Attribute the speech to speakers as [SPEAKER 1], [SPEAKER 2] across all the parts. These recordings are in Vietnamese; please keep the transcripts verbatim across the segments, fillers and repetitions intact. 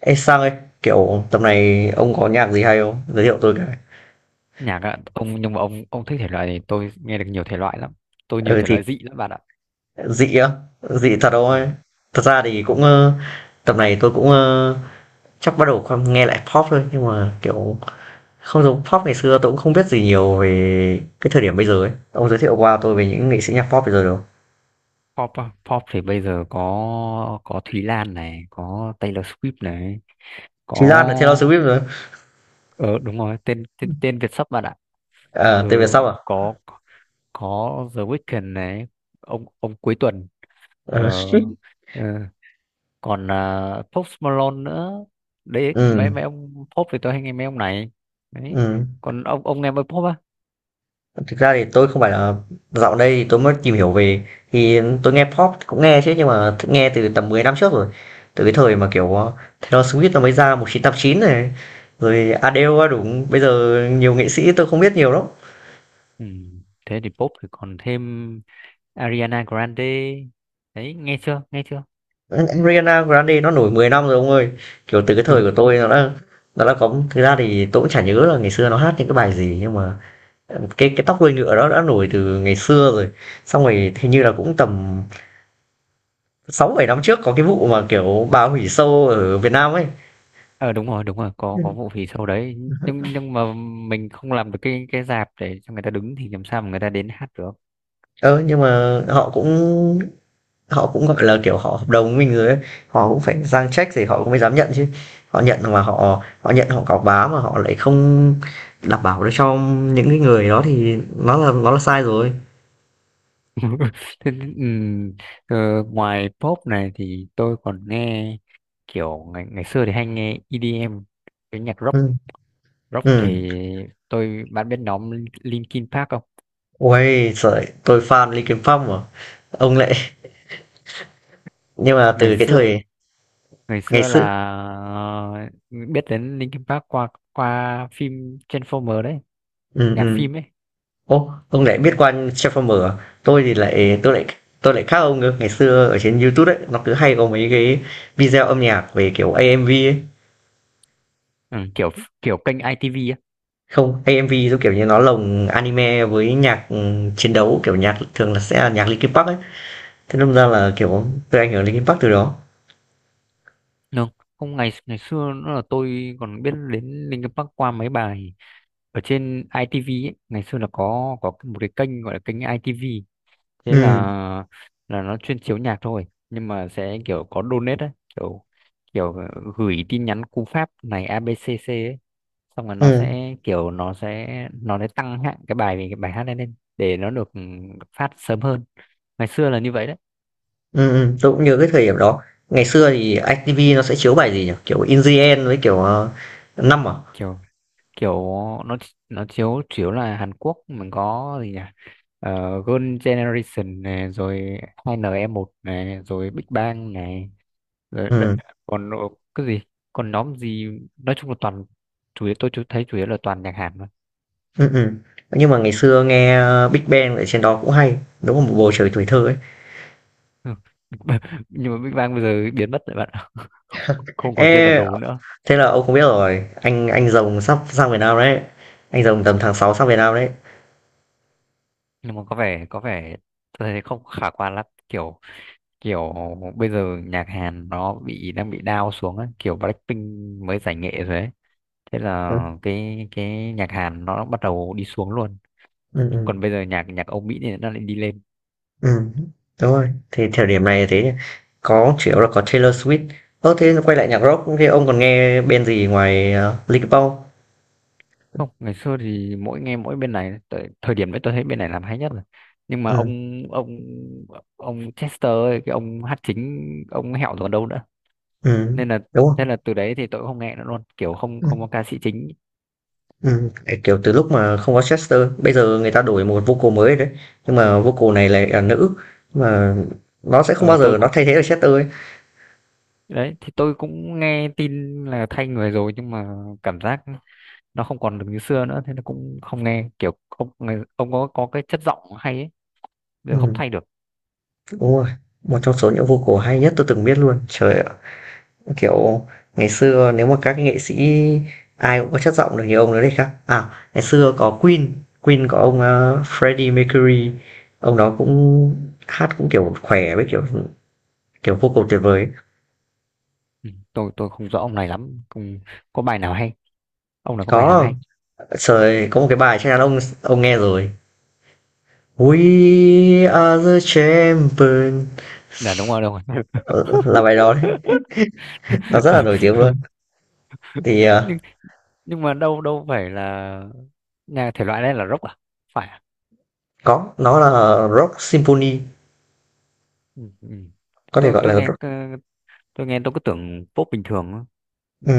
[SPEAKER 1] Ê Sang ấy, kiểu tầm này ông có nhạc gì hay không? Giới thiệu tôi cái.
[SPEAKER 2] Nhạc ạ ông? Nhưng mà ông ông thích thể loại này, tôi nghe được nhiều thể loại lắm. Tôi nhiều
[SPEAKER 1] Ừ
[SPEAKER 2] thể
[SPEAKER 1] thì
[SPEAKER 2] loại dị lắm, bạn ạ.
[SPEAKER 1] dị á, dị thật ông
[SPEAKER 2] Ừ.
[SPEAKER 1] ơi. Thật ra thì cũng
[SPEAKER 2] Còn
[SPEAKER 1] ờ, tầm này tôi cũng ờ, chắc bắt đầu con nghe lại pop thôi, nhưng mà kiểu không giống pop ngày xưa. Tôi cũng không biết gì nhiều về cái thời điểm bây giờ ấy. Ông giới thiệu qua tôi về những nghệ sĩ nhạc pop bây giờ được không?
[SPEAKER 2] pop á, pop thì bây giờ có có Thúy Lan này, có Taylor Swift này, có
[SPEAKER 1] Chí Lan là Taylor Swift rồi.
[SPEAKER 2] ờ đúng rồi, tên tên, tên Việt sắp, bạn ạ.
[SPEAKER 1] À,
[SPEAKER 2] Ừ,
[SPEAKER 1] tên về sau à?
[SPEAKER 2] có có The Weeknd này, ông ông cuối tuần.
[SPEAKER 1] Ờ,
[SPEAKER 2] ờ, ờ, Còn uh, Post Malone nữa. Đấy,
[SPEAKER 1] Ừ,
[SPEAKER 2] mấy mấy ông pop thì tôi hay nghe mấy ông này. Đấy,
[SPEAKER 1] ừ.
[SPEAKER 2] còn ông ông nghe mấy pop á?
[SPEAKER 1] Thực ra thì tôi không phải là dạo đây thì tôi mới tìm hiểu về, thì tôi nghe pop cũng nghe chứ, nhưng mà nghe từ tầm mười năm trước rồi. Từ cái thời mà, kiểu, ờ, Taylor Swift nó mới ra một chín tám chín này, rồi Adele đúng. Bây giờ nhiều nghệ sĩ tôi không biết nhiều lắm.
[SPEAKER 2] Ừ. Thế thì pop thì còn thêm Ariana Grande đấy, nghe chưa, nghe chưa?
[SPEAKER 1] Ariana Grande nó nổi mười năm rồi ông ơi. Kiểu, từ cái thời của tôi nó đã nó đã có, thực ra thì tôi cũng chả nhớ là ngày xưa nó hát những cái bài gì, nhưng mà, ờ, cái cái Tóc Đuôi Ngựa đó đã nổi từ ngày xưa rồi. Xong rồi hình như là cũng tầm sáu bảy năm trước có cái vụ mà kiểu bà hủy show ở Việt Nam ấy.
[SPEAKER 2] ờ Đúng rồi, đúng rồi, có
[SPEAKER 1] Ừ.
[SPEAKER 2] có vụ phỉ sau đấy. Nhưng nhưng mà mình không làm được cái cái rạp để cho người ta đứng, thì làm sao mà người ta đến hát được.
[SPEAKER 1] Ờ nhưng mà họ cũng họ cũng gọi là kiểu họ hợp đồng với mình rồi ấy, họ cũng phải sang check thì họ cũng mới dám nhận chứ. Họ nhận mà họ họ nhận họ cáo bá mà họ lại không đảm bảo được cho những cái người đó thì nó là nó là sai rồi.
[SPEAKER 2] Thế, ừm, ờ, ngoài pop này thì tôi còn nghe kiểu ngày ngày xưa thì hay nghe e đê em, cái nhạc rock.
[SPEAKER 1] Ừ,
[SPEAKER 2] Rock
[SPEAKER 1] ừ,
[SPEAKER 2] thì tôi bạn biết nhóm Linkin Park không?
[SPEAKER 1] ôi trời, tôi fan Linkin Park mà, ông lại, nhưng mà
[SPEAKER 2] ngày
[SPEAKER 1] từ cái
[SPEAKER 2] xưa
[SPEAKER 1] thời
[SPEAKER 2] ngày
[SPEAKER 1] ngày
[SPEAKER 2] xưa là,
[SPEAKER 1] xưa.
[SPEAKER 2] ờ, biết đến Linkin Park qua qua phim Transformer đấy,
[SPEAKER 1] Ừ,
[SPEAKER 2] nhạc
[SPEAKER 1] ừ.
[SPEAKER 2] phim ấy
[SPEAKER 1] Ô, ông lại biết
[SPEAKER 2] đấy.
[SPEAKER 1] qua Transformer à? Tôi thì lại
[SPEAKER 2] Ừ.
[SPEAKER 1] tôi lại tôi lại khác ông nữa. Ngày xưa ở trên YouTube ấy, nó cứ hay có mấy cái video âm nhạc về kiểu a em vê ấy.
[SPEAKER 2] Ừ, kiểu kiểu kênh i tê vê á.
[SPEAKER 1] Không, a em vê giống kiểu như nó lồng anime với nhạc ừm, chiến đấu, kiểu nhạc thường là sẽ là nhạc Linkin Park ấy. Thế nên ra
[SPEAKER 2] Ừ.
[SPEAKER 1] là kiểu tôi ảnh hưởng Linkin Park từ đó.
[SPEAKER 2] Đúng. Không, ngày ngày xưa nó là tôi còn biết đến Linkin Park qua mấy bài ở trên i tê vê ấy. Ngày xưa là có có một cái kênh gọi là kênh i tê vê, thế
[SPEAKER 1] Ừ,
[SPEAKER 2] là là nó chuyên chiếu nhạc thôi, nhưng mà sẽ kiểu có donate ấy, kiểu kiểu ờ, gửi tin nhắn cú pháp này a bê xê xê ấy. Xong rồi nó
[SPEAKER 1] ừ,
[SPEAKER 2] sẽ kiểu nó sẽ nó sẽ tăng hạng cái bài cái bài hát lên lên để nó được, ừ, phát sớm hơn. Ngày xưa là như vậy đấy.
[SPEAKER 1] ừ, ừ, tôi cũng nhớ cái thời điểm đó. Ngày xưa thì i tê vê nó sẽ chiếu bài gì nhỉ? Kiểu In The End với kiểu ờ, năm à?
[SPEAKER 2] Kiểu kiểu nó nó chiếu chủ yếu là Hàn Quốc. Mình có gì nhỉ? uh, Girl Generation này, rồi hai en i một này, rồi Big Bang này, rồi đ-
[SPEAKER 1] Ừ.
[SPEAKER 2] còn nó- cái gì, còn nhóm gì, nói chung là toàn, chủ yếu tôi chú- thấy chủ yếu là toàn nhạc Hàn thôi.
[SPEAKER 1] Ừm, ừm. Nhưng mà ngày xưa nghe, ơ, Big Bang ở trên đó cũng hay, đúng là một bầu trời tuổi thơ ấy.
[SPEAKER 2] Ừ. Nhưng mà Big Bang bây giờ biến mất rồi, bạn ạ. Không còn trên bản
[SPEAKER 1] Ê,
[SPEAKER 2] đồ nữa.
[SPEAKER 1] thế là ông không biết rồi, anh anh Rồng sắp sang Việt Nam đấy, anh Rồng tầm tháng sáu sang Việt Nam đấy.
[SPEAKER 2] Nhưng mà có vẻ có vẻ tôi thấy không khả quan lắm, kiểu kiểu bây giờ nhạc Hàn nó bị đang bị down xuống ấy. Kiểu Blackpink mới giải nghệ rồi ấy, thế là
[SPEAKER 1] Ừm,
[SPEAKER 2] cái cái nhạc Hàn nó bắt đầu đi xuống luôn.
[SPEAKER 1] ừm,
[SPEAKER 2] Còn
[SPEAKER 1] ừm,
[SPEAKER 2] bây giờ nhạc nhạc Âu Mỹ thì nó lại đi lên.
[SPEAKER 1] ừm, đúng rồi, thì thời điểm này thế nhỉ. Có chủ yếu là có Taylor Swift. Ơ, thế quay lại nhạc rock, thế ông còn nghe bên gì ngoài, ờ, Linkin Park không?
[SPEAKER 2] Không, ngày xưa thì mỗi nghe mỗi bên này, thời, thời điểm đấy tôi thấy bên này làm hay nhất rồi. Nhưng mà
[SPEAKER 1] Ừm,
[SPEAKER 2] ông ông ông Chester ấy, cái ông hát chính, ông hẹo rồi còn đâu nữa, nên là
[SPEAKER 1] đúng rồi.
[SPEAKER 2] thế là từ đấy thì tôi cũng không nghe nữa luôn, kiểu không không có ca sĩ chính.
[SPEAKER 1] Ừ tại, kiểu, từ lúc mà không có Chester, bây giờ người ta đổi một vocal mới đấy, nhưng mà vocal này lại là nữ, nhưng mà nó sẽ không
[SPEAKER 2] Ờ,
[SPEAKER 1] bao
[SPEAKER 2] tôi
[SPEAKER 1] giờ nó
[SPEAKER 2] cũng
[SPEAKER 1] thay thế được Chester ấy.
[SPEAKER 2] đấy thì tôi cũng nghe tin là thay người rồi, nhưng mà cảm giác nó không còn được như xưa nữa, thế nó cũng không nghe, kiểu ông người- ông có có cái chất giọng hay ấy, giờ không
[SPEAKER 1] Ừm,
[SPEAKER 2] thay được.
[SPEAKER 1] đúng rồi, một trong số những vocal hay nhất tôi từng biết luôn. Trời ạ, kiểu, ngày xưa nếu mà các cái nghệ sĩ ai cũng có chất giọng được như ông đấy đấy khác à, ngày xưa có Queen, Queen có ông, ơ, Freddie Mercury, ông đó cũng hát cũng, kiểu, khỏe với, kiểu, kiểu, vocal tuyệt vời.
[SPEAKER 2] Ừ, tôi tôi không rõ ông này lắm, không có bài nào hay? Ông này có bài nào
[SPEAKER 1] Có,
[SPEAKER 2] hay?
[SPEAKER 1] trời, có một cái bài chắc chắn ông ông nghe rồi, We are the champion.
[SPEAKER 2] Là đúng rồi, đúng rồi.
[SPEAKER 1] Ờ, là bài đó đấy, nó rất là
[SPEAKER 2] Ờ,
[SPEAKER 1] nổi tiếng luôn. Thì ờ,
[SPEAKER 2] nhưng nhưng mà đâu đâu phải là nhà thể loại này là rock à? Phải à?
[SPEAKER 1] có, nó là rock symphony,
[SPEAKER 2] Ừ, ừ.
[SPEAKER 1] có thể
[SPEAKER 2] tôi
[SPEAKER 1] gọi
[SPEAKER 2] tôi
[SPEAKER 1] là
[SPEAKER 2] nghe
[SPEAKER 1] rock.
[SPEAKER 2] ờ, tôi nghe, tôi cứ tưởng pop bình thường á.
[SPEAKER 1] Ừ,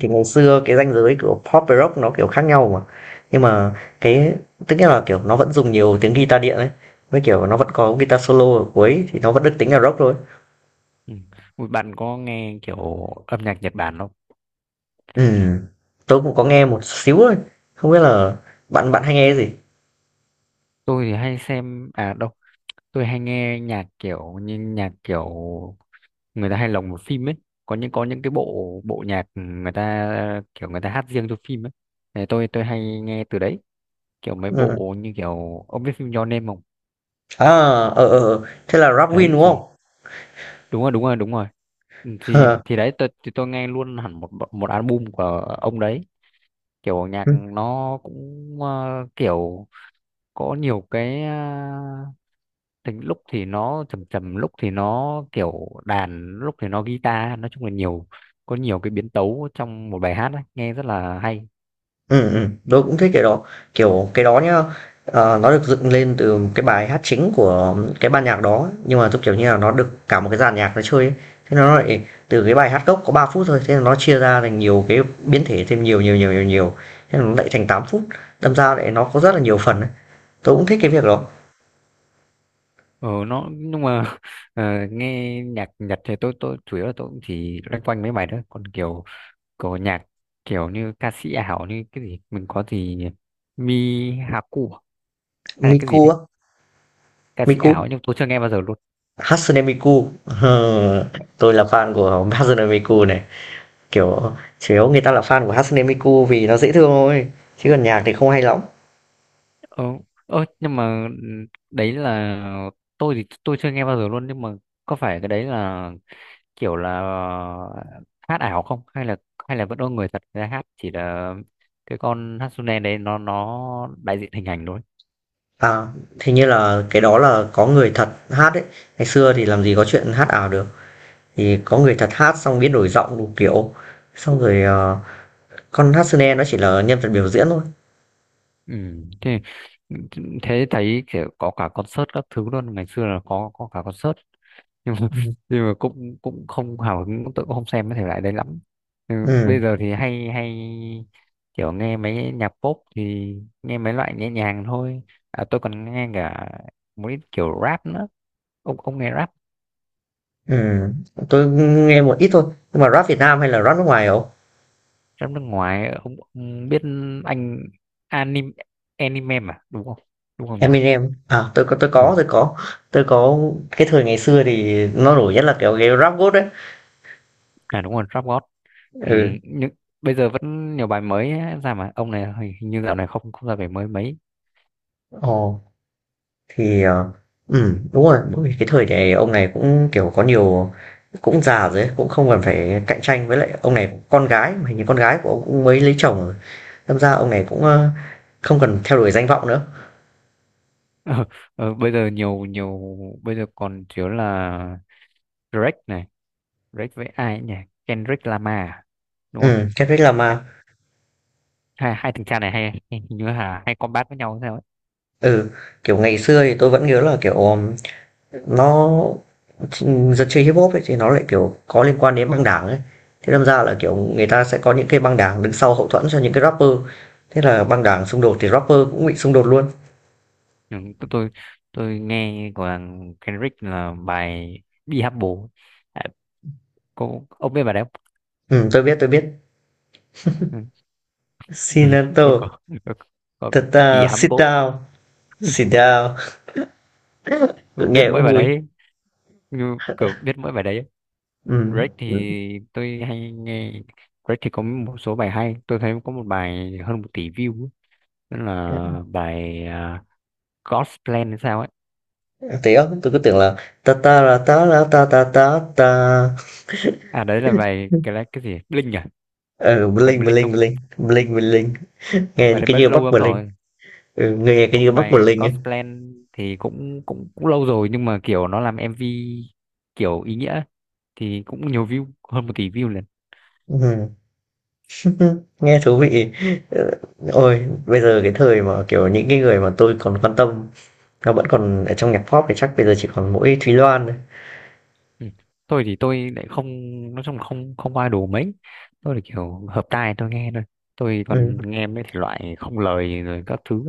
[SPEAKER 1] thì ngày xưa cái ranh giới của pop và rock nó kiểu khác nhau mà. Nhưng mà cái tức nghĩa là kiểu nó vẫn dùng nhiều tiếng guitar điện ấy, với kiểu nó vẫn có guitar solo ở cuối thì nó vẫn được tính là rock thôi.
[SPEAKER 2] Ừ. Ui, bạn có nghe kiểu âm nhạc Nhật Bản không?
[SPEAKER 1] Ừ, tôi cũng có nghe một xíu thôi, không biết là bạn bạn hay nghe cái gì.
[SPEAKER 2] Tôi thì hay xem, à đâu, tôi hay nghe nhạc kiểu như nhạc kiểu người ta hay lồng vào phim ấy. Có những có những cái bộ bộ nhạc người ta kiểu người ta hát riêng cho phim ấy. Thì tôi tôi hay nghe từ đấy, kiểu mấy
[SPEAKER 1] Ừ.
[SPEAKER 2] bộ như kiểu, ông biết phim Your Name không?
[SPEAKER 1] À, ờ ờ, ờ. Thế là Rapwin
[SPEAKER 2] Đấy
[SPEAKER 1] đúng
[SPEAKER 2] thì
[SPEAKER 1] không?
[SPEAKER 2] đúng rồi, đúng rồi, đúng rồi. Ừ, thì thì đấy tôi thì tôi nghe luôn hẳn một bộ- một album của ông đấy. Kiểu nhạc nó cũng, ờ, kiểu có nhiều cái, tính lúc thì nó trầm trầm, lúc thì nó kiểu đàn, lúc thì nó guitar, nói chung là nhiều. Có nhiều cái biến tấu trong một bài hát ấy, nghe rất là hay.
[SPEAKER 1] Ừ, ừm, tớ cũng thích cái đó. Kiểu, cái đó nhá, ờ, nó được dựng lên từ cái bài hát chính của cái ban nhạc đó, nhưng mà, giống kiểu như là, nó được cả một cái dàn nhạc nó chơi ấy. Thế nó lại từ cái bài hát gốc có ba phút thôi, thế là nó chia ra thành nhiều cái biến thể, thêm nhiều, nhiều, nhiều, nhiều, nhiều, thế là nó lại thành tám phút, đâm ra lại nó có rất là nhiều phần ấy. Tớ cũng thích cái việc đó.
[SPEAKER 2] Ừ, nó nhưng mà ờ, nghe nhạc Nhật thì tôi tôi chủ yếu là tôi cũng chỉ loanh quanh mấy bài đó, còn kiểu có nhạc kiểu như ca sĩ ảo như cái gì, mình có gì, Mi Haku à? Hay là cái
[SPEAKER 1] Miku
[SPEAKER 2] gì đấy,
[SPEAKER 1] á,
[SPEAKER 2] ca sĩ ảo
[SPEAKER 1] Miku,
[SPEAKER 2] ấy, nhưng tôi chưa nghe bao giờ luôn.
[SPEAKER 1] Hatsune Miku, ờ, tôi là fan của Hatsune Miku này. Kiểu, chủ yếu người ta là fan của Hatsune Miku vì nó dễ thương thôi, chứ còn nhạc thì không hay lắm.
[SPEAKER 2] ờ, ờ nhưng mà ừ, đấy là tôi thì tôi chưa nghe bao giờ luôn, nhưng mà có phải cái đấy là kiểu là hát ảo không, hay là hay là vẫn có người thật ra hát, chỉ là cái con Hatsune đấy nó nó đại diện hình ảnh thôi?
[SPEAKER 1] À, thế như là cái đó là có người thật hát ấy. Ngày xưa thì làm gì có chuyện hát ảo được. Thì có người thật hát xong biến đổi giọng đủ kiểu. Xong rồi, ờ, con Hatsune nó chỉ là nhân vật biểu diễn thôi.
[SPEAKER 2] Ừ. thế thế thấy kiểu có cả concert các thứ luôn, ngày xưa là có có cả concert, nhưng mà,
[SPEAKER 1] Ừm,
[SPEAKER 2] nhưng mà cũng cũng không hào hứng, cũng tự cũng không xem cái thể loại đấy lắm. Ừ. Bây
[SPEAKER 1] ừm,
[SPEAKER 2] giờ thì hay hay kiểu nghe mấy nhạc pop thì nghe mấy loại nhẹ nhàng thôi. À, tôi còn nghe cả một ít kiểu rap nữa. Ông ông nghe rap?
[SPEAKER 1] ừm, tôi nghe một ít thôi. Nhưng mà Rap Việt Nam hay là Rap nước ngoài không?
[SPEAKER 2] Phim nước ngoài ông, ông, biết, anh anime anime mà đúng không? Đúng không nhỉ?
[SPEAKER 1] Eminem. À, tôi có tôi có,
[SPEAKER 2] Ừ,
[SPEAKER 1] tôi có. Tôi có cái thời ngày xưa thì nó nổi nhất là kiểu cái Rap God đấy.
[SPEAKER 2] à đúng rồi, Rap God. Ừ,
[SPEAKER 1] Ừ.
[SPEAKER 2] nhưng bây giờ vẫn nhiều bài mới ấy ra, mà ông này hình hình như dạo này không không ra bài mới mấy.
[SPEAKER 1] Ồ. Thì, ờ, ừm, đúng rồi, đúng cái thời này ông này cũng, kiểu, có nhiều, cũng già rồi ấy, cũng không cần phải cạnh tranh với lại ông này con gái, mà hình như con gái của ông cũng mới lấy chồng rồi, đâm ra ông này cũng, ơ, không cần theo đuổi danh vọng nữa.
[SPEAKER 2] Ờ, ờ, Bây giờ nhiều, nhiều bây giờ còn thiếu là Drake này, Drake với ai ấy nhỉ? Kendrick Lamar à? Đúng không?
[SPEAKER 1] Ừm, Kendrick
[SPEAKER 2] hai
[SPEAKER 1] Lamar.
[SPEAKER 2] hai, hai thằng cha này hay hình như là hay combat với nhau sao ấy.
[SPEAKER 1] Ừ, kiểu, ngày xưa thì tôi vẫn nhớ là, kiểu, ờm, nó ch dân chơi Hip-hop ấy thì nó lại, kiểu, có liên quan đến băng đảng ấy, thế đâm ra là, kiểu, người ta sẽ có những cái băng đảng đứng sau hậu thuẫn cho những cái rapper, thế là băng đảng xung đột thì rapper cũng bị xung đột luôn.
[SPEAKER 2] Ừ, tôi tôi tôi nghe của thằng Kendrick là bài Be Humble. À, cô ông biết bài đấy không?
[SPEAKER 1] Ừm, tôi biết, tôi biết.
[SPEAKER 2] Ừ.
[SPEAKER 1] Shinato,
[SPEAKER 2] Tôi có có có
[SPEAKER 1] thật
[SPEAKER 2] Be
[SPEAKER 1] ra sit
[SPEAKER 2] Humble,
[SPEAKER 1] down, sit down. Cứ
[SPEAKER 2] tôi biết
[SPEAKER 1] nghe
[SPEAKER 2] mỗi
[SPEAKER 1] cũng
[SPEAKER 2] bài
[SPEAKER 1] vui.
[SPEAKER 2] đấy, như kiểu biết mỗi bài đấy.
[SPEAKER 1] Ừ.
[SPEAKER 2] Drake
[SPEAKER 1] Ừ.
[SPEAKER 2] thì tôi hay nghe. Drake thì có một số bài hay, tôi thấy có một bài hơn một tỷ view ấy. Đó là bài, à, God's Plan hay sao ấy.
[SPEAKER 1] Thì đó, tôi cứ tưởng là ta ta ra ta ra ta ta ta ta.
[SPEAKER 2] À đấy là bài cái cái gì Blink à?
[SPEAKER 1] Ờ,
[SPEAKER 2] Phải
[SPEAKER 1] bling
[SPEAKER 2] Blink không?
[SPEAKER 1] bling bling, bling bling. Nghe
[SPEAKER 2] Bài đấy
[SPEAKER 1] cái
[SPEAKER 2] bất
[SPEAKER 1] như
[SPEAKER 2] lâu
[SPEAKER 1] Bắc
[SPEAKER 2] lắm
[SPEAKER 1] Berlin.
[SPEAKER 2] rồi.
[SPEAKER 1] Ừ, nghe cái như
[SPEAKER 2] Còn
[SPEAKER 1] Bắc
[SPEAKER 2] bài
[SPEAKER 1] Berlin ấy.
[SPEAKER 2] Godsplan thì cũng cũng cũng lâu rồi, nhưng mà kiểu nó làm em vê kiểu ý nghĩa ấy, thì cũng nhiều view hơn một tỷ view lần.
[SPEAKER 1] Ừ. Nghe thú vị. Ờ, ôi, bây giờ cái thời mà kiểu những cái người mà tôi còn quan tâm, nó vẫn còn ở trong nhạc pop thì chắc bây giờ chỉ còn mỗi Thúy Loan thôi.
[SPEAKER 2] Ừ. Tôi thì tôi lại không, nói chung là không không qua đồ mấy. Tôi là kiểu hợp tai tôi nghe thôi, tôi
[SPEAKER 1] Ừ.
[SPEAKER 2] còn nghe mấy thể loại không lời rồi các thứ.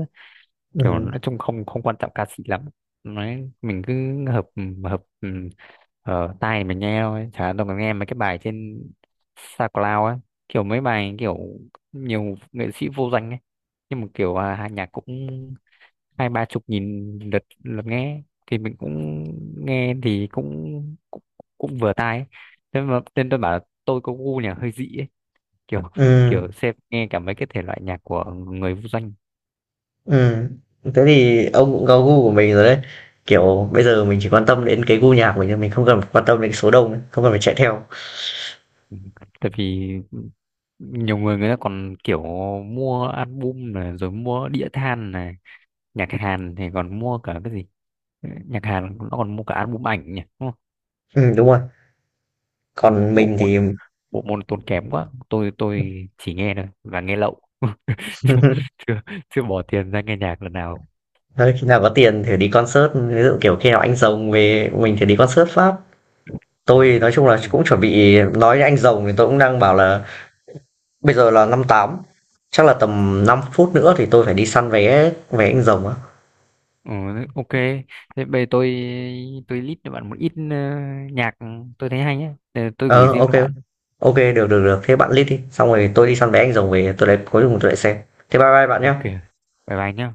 [SPEAKER 2] Kiểu
[SPEAKER 1] Ừ.
[SPEAKER 2] nói chung không không quan trọng ca sĩ lắm, nói mình cứ hợp, hợp ừ, ở tai mình nghe thôi, chả đâu có nghe mấy cái bài trên SoundCloud á. Kiểu mấy bài kiểu nhiều nghệ sĩ vô danh ấy, nhưng mà kiểu à, hai nhạc cũng hai ba chục nghìn lượt lượt nghe, thì mình cũng nghe thì cũng cũng, cũng vừa tai ấy. Thế mà nên tôi bảo là tôi có gu nhà hơi dị ấy, kiểu,
[SPEAKER 1] Ừ.
[SPEAKER 2] kiểu xem nghe cả mấy cái thể loại nhạc của người vô danh.
[SPEAKER 1] Ừ, thế thì ông cũng có gu của mình rồi đấy. Kiểu bây giờ mình chỉ quan tâm đến cái gu nhạc của mình thôi, mình không cần quan tâm đến cái số đông nữa, không cần phải chạy theo.
[SPEAKER 2] Ừ, tại vì nhiều người người ta còn kiểu mua album này rồi mua đĩa than này, nhạc Hàn thì còn mua cả cái gì. Ừ, nhạc Hàn nó còn mua cả album ảnh nhỉ, đúng không?
[SPEAKER 1] Ừ đúng rồi.
[SPEAKER 2] Ừ,
[SPEAKER 1] Còn
[SPEAKER 2] bộ
[SPEAKER 1] mình thì
[SPEAKER 2] môn bộ môn tốn kém quá, tôi tôi chỉ nghe thôi và nghe lậu. chưa, chưa chưa bỏ tiền ra nghe nhạc lần nào.
[SPEAKER 1] thôi, khi nào có tiền thì đi concert, ví dụ kiểu khi nào anh rồng về mình thì đi concert Pháp.
[SPEAKER 2] Ừ.
[SPEAKER 1] Tôi nói chung là
[SPEAKER 2] Ui.
[SPEAKER 1] cũng chuẩn bị nói với anh rồng thì tôi cũng đang bảo là bây giờ là năm tám, chắc là tầm năm phút nữa thì tôi phải đi săn vé vé anh rồng á.
[SPEAKER 2] Ừ, ok, thế bây giờ tôi tôi list cho bạn một ít, ờ, nhạc tôi thấy hay nhé. Ờ, tôi gửi
[SPEAKER 1] Ờ
[SPEAKER 2] riêng
[SPEAKER 1] ok,
[SPEAKER 2] cho bạn.
[SPEAKER 1] ok được được được, thế bạn list đi, xong rồi tôi đi săn vé anh rồng về tôi lại cuối cùng tôi lại xem. Thế bye bye bạn nhé.
[SPEAKER 2] Ok, bye bye nhé.